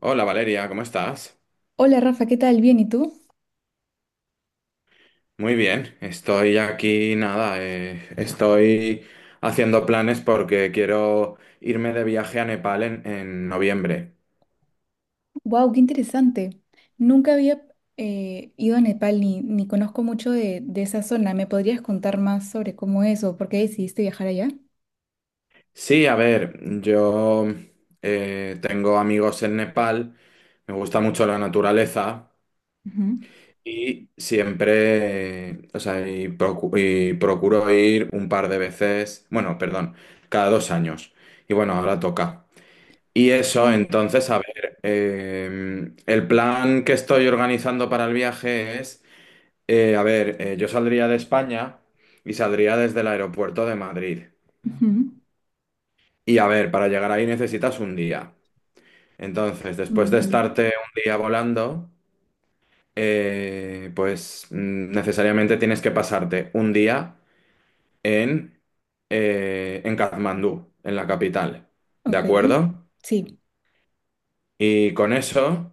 Hola Valeria, ¿cómo estás? Hola Rafa, ¿qué tal? Bien, ¿y tú? Muy bien, estoy aquí, nada, estoy haciendo planes porque quiero irme de viaje a Nepal en noviembre. ¡Wow! ¡Qué interesante! Nunca había ido a Nepal ni conozco mucho de esa zona. ¿Me podrías contar más sobre cómo es o por qué decidiste viajar allá? Sí, a ver, yo tengo amigos en Nepal, me gusta mucho la naturaleza Ujú. y siempre, y procuro ir un par de veces, bueno, perdón, cada 2 años. Y bueno, ahora toca. Y eso, Wow. entonces, a ver, el plan que estoy organizando para el viaje es, yo saldría de España y saldría desde el aeropuerto de Madrid. Ujú. Y a ver, para llegar ahí necesitas un día. Entonces, después de Vale. estarte un día volando, pues necesariamente tienes que pasarte un día en, en Katmandú, en la capital. ¿De Ok. acuerdo? Sí. Y con eso,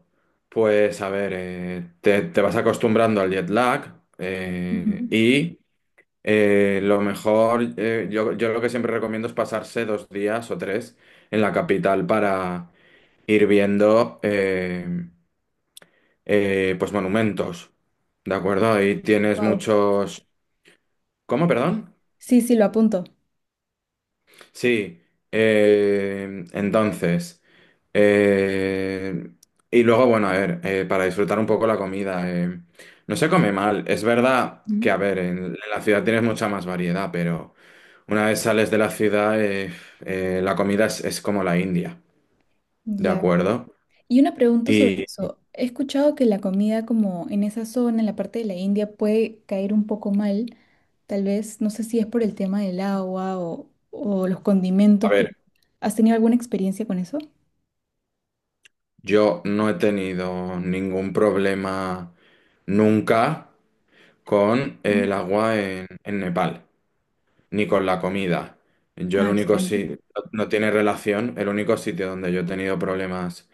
pues a ver, te vas acostumbrando al jet lag y lo mejor, yo lo que siempre recomiendo es pasarse dos días o tres en la capital para ir viendo pues monumentos, ¿de acuerdo? Ahí tienes Wow. muchos... ¿Cómo, perdón? Sí, sí, lo apunto. Sí, entonces, eh, y luego, bueno, a ver, para disfrutar un poco la comida, no se come mal. Es verdad que, Ujú. a ver, en la ciudad tienes mucha más variedad, pero una vez sales de la ciudad, la es como la India, ¿de Ya. acuerdo? Y una pregunta sobre Y, eso. He escuchado que la comida como en esa zona, en la parte de la India, puede caer un poco mal. Tal vez, no sé si es por el tema del agua o los a condimentos, pero ver, ¿has tenido alguna experiencia con eso? yo no he tenido ningún problema nunca con Mm. el agua en Nepal. Ni con la comida. Yo el Ah, único excelente. sitio, no tiene relación, el único sitio donde yo he tenido problemas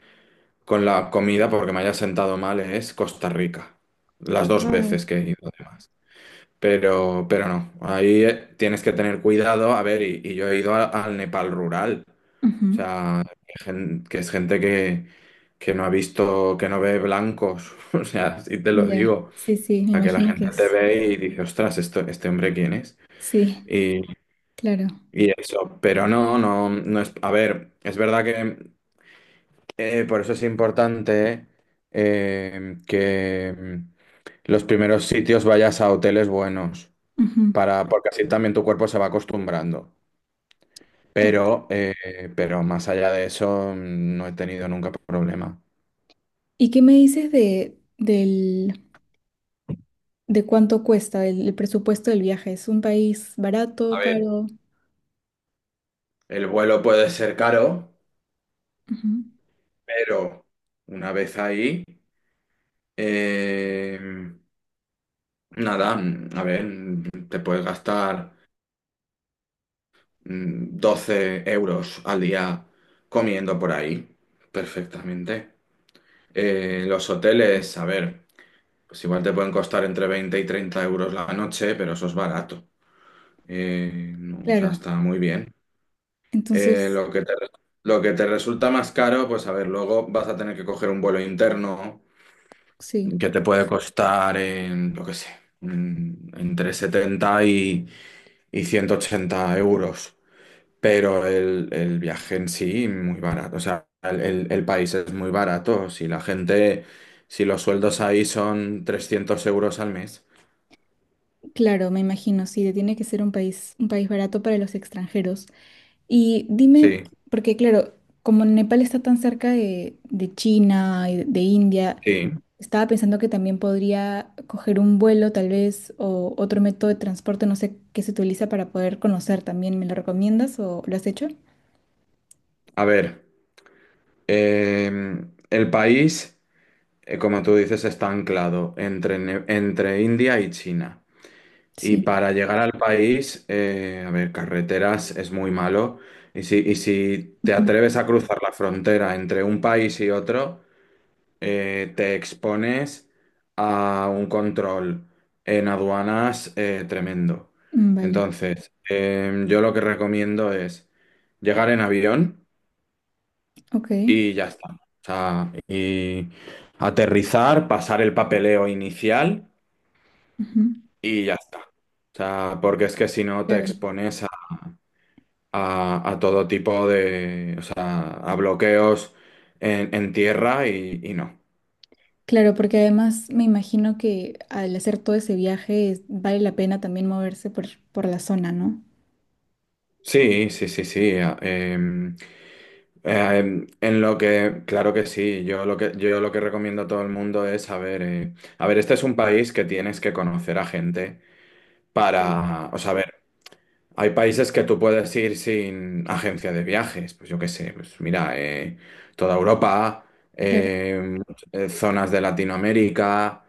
con la comida porque me haya sentado mal es Costa Rica. Las dos Wow. veces que he ido además. Pero no, ahí tienes que tener cuidado. A ver, y yo he ido al Nepal rural. O Ujú. sea, que es gente que no ha visto, que no ve blancos. O sea, si te lo Ya, digo. sí, sí, me A que la imagino que gente te es. ve y dice, ostras, esto, ¿este hombre quién es? Sí, claro. Y eso, pero no, no, no es. A ver, es verdad que por eso es importante eh, que mm, los primeros sitios vayas a hoteles buenos, Ujú. para, porque así también tu cuerpo se va acostumbrando. Ok. Pero, pero más allá de eso, no he tenido nunca problema. ¿Y qué me dices de cuánto cuesta el presupuesto del viaje? ¿Es un país barato, A ver, caro? el vuelo puede ser caro, Ujú. pero una vez ahí, eh, nada, a ver, te puedes gastar. 12 € al día comiendo por ahí, perfectamente. Los hoteles, a ver, pues igual te pueden costar entre 20 y 30 € la noche, pero eso es barato. No, o sea, Claro. está muy bien. Eh, Entonces, lo que te, lo que te resulta más caro, pues a ver, luego vas a tener que coger un vuelo interno sí, que te puede costar en, lo que sé, entre 70 y 180 euros. Pero el viaje en sí, muy barato. O sea, el país es muy barato. Si la gente, si los sueldos ahí son 300 € al mes. claro, me imagino, sí, tiene que ser un país barato para los extranjeros. Y dime, Sí, porque claro, como Nepal está tan cerca de China y de India, sí. estaba pensando que también podría coger un vuelo tal vez o otro método de transporte, no sé qué se utiliza para poder conocer también. ¿Me lo recomiendas o lo has hecho? A ver, eh, el país, como tú dices, está anclado entre, entre India y China. Y Sí. para llegar al país, a ver, carreteras es muy malo. Y si te Ujú. atreves a cruzar la frontera entre un país y otro... te expones a un control en aduanas tremendo. Vale, Entonces, yo lo que recomiendo es llegar en avión ok. y ya está. O sea, y aterrizar, pasar el papeleo inicial Ujú. y ya está. O sea, porque es que si no te Claro. expones a todo tipo de, o sea, a bloqueos en tierra y no. Claro, porque además me imagino que al hacer todo ese viaje es- vale la pena también moverse por la zona, ¿no? Sí, sí, sí, sí. eh, Eh, en lo que, claro que sí, yo lo que recomiendo a todo el mundo es, a ver, este es un país que tienes que conocer a gente Claro. para, o sea, a ver, hay países que tú puedes ir sin agencia de viajes, pues yo qué sé, pues mira, toda Europa, Claro. eh, zonas de Latinoamérica,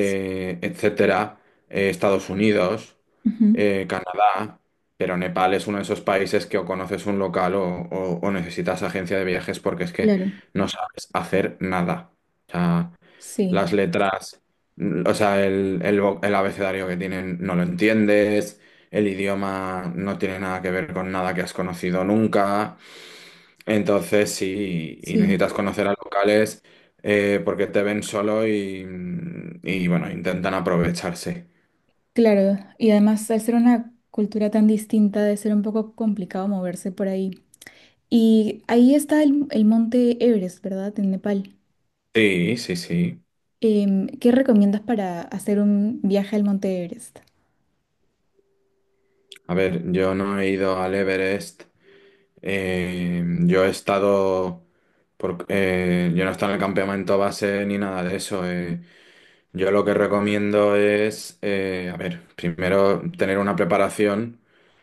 s- etcétera, Estados Unidos, ujú, Canadá, pero Nepal es uno de esos países que o conoces un local o necesitas agencia de viajes porque es que claro, no sabes hacer nada. O sea, sí, las letras, o sea, el abecedario que tienen no lo entiendes, el idioma no tiene nada que ver con nada que has conocido nunca, entonces sí, y necesitas sí, conocer a locales porque te ven solo y bueno, intentan aprovecharse. claro. Y además al ser una cultura tan distinta debe ser un poco complicado moverse por ahí. Y ahí está el monte Everest, ¿verdad? En Nepal. Sí, sí, sí. ¿Qué recomiendas para hacer un viaje al monte Everest? A ver, yo no he ido al Everest, yo he estado... yo no he estado en el campamento base ni nada de eso. Yo lo que recomiendo es, a ver, primero tener una preparación,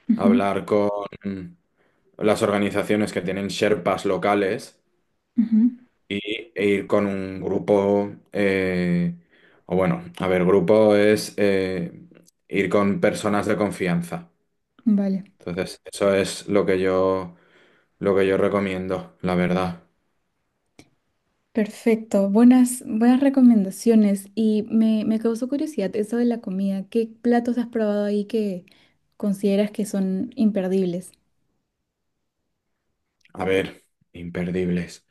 Ujú, hablar con las organizaciones que tienen Sherpas locales ujú. y, e ir con un grupo, o bueno, a ver, grupo es ir con personas de confianza. Vale. Entonces, eso es lo que yo recomiendo, la verdad. Perfecto, buenas, buenas recomendaciones. Y me causó curiosidad eso de la comida. ¿Qué platos has probado ahí que consideras que son imperdibles? A ver, imperdibles.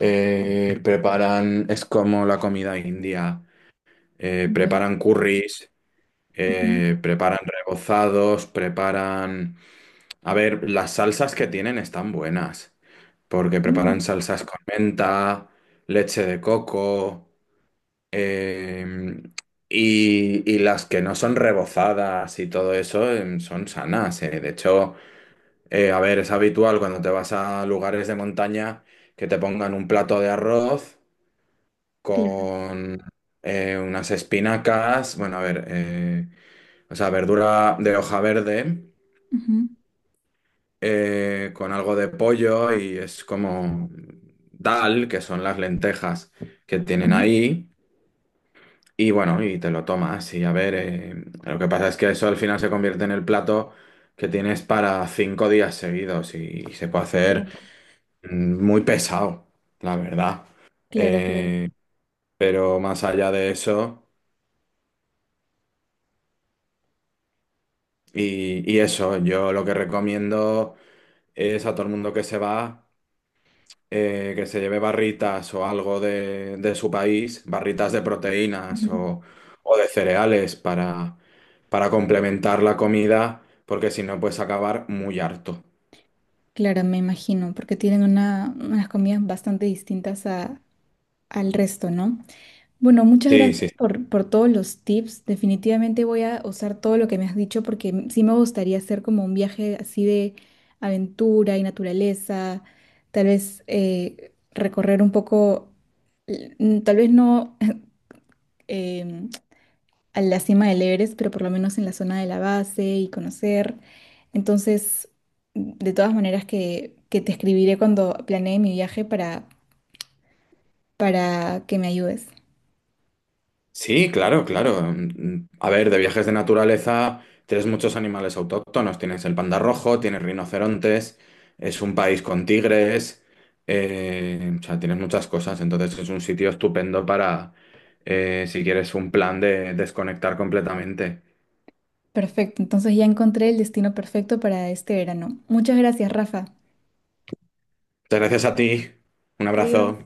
Preparan, es como la comida india. Ya. Preparan curries, Ujú. Preparan rebozados, preparan... A ver, las salsas que tienen están buenas, porque preparan Mm. salsas con menta, leche de coco, eh, y las que no son rebozadas y todo eso son sanas. De hecho, a ver, es habitual cuando te vas a lugares de montaña que te pongan un plato de arroz Claro. con unas espinacas, bueno, a ver, o sea, verdura de hoja verde Ujú. Con algo de pollo y es como dal, que son las lentejas que tienen Ujú. ahí. Y bueno, y te lo tomas y a ver, lo que pasa es que eso al final se convierte en el plato que tienes para 5 días seguidos y, se puede hacer Claro, muy pesado, la verdad. claro, claro. Eh, pero más allá de eso, y eso, yo lo que recomiendo es a todo el mundo que se va. Que se lleve barritas o algo de su país, barritas de proteínas Ujú. O de cereales para complementar la comida, porque si no puedes acabar muy harto. Claro, me imagino, porque tienen una, unas comidas bastante distintas a, al resto, ¿no? Bueno, muchas Sí, gracias sí. por todos los tips. Definitivamente voy a usar todo lo que me has dicho porque m- sí me gustaría hacer como un viaje así de aventura y naturaleza, tal vez recorrer un poco, l- n- tal vez no em, a la cima del Everest, pero por lo menos en la zona de la base y conocer. Entonces, de todas maneras que te escribiré cuando planee mi viaje para que me ayudes. Sí, claro, claro. A ver, de viajes de naturaleza tienes muchos animales autóctonos. Tienes el panda rojo, tienes rinocerontes, es un país con tigres, o sea, tienes muchas cosas. Entonces es un sitio estupendo para, si quieres, un plan de desconectar completamente. Perfecto, entonces ya encontré el destino perfecto para este verano. Muchas gracias, Rafa. Muchas gracias a ti. Un Adiós. abrazo.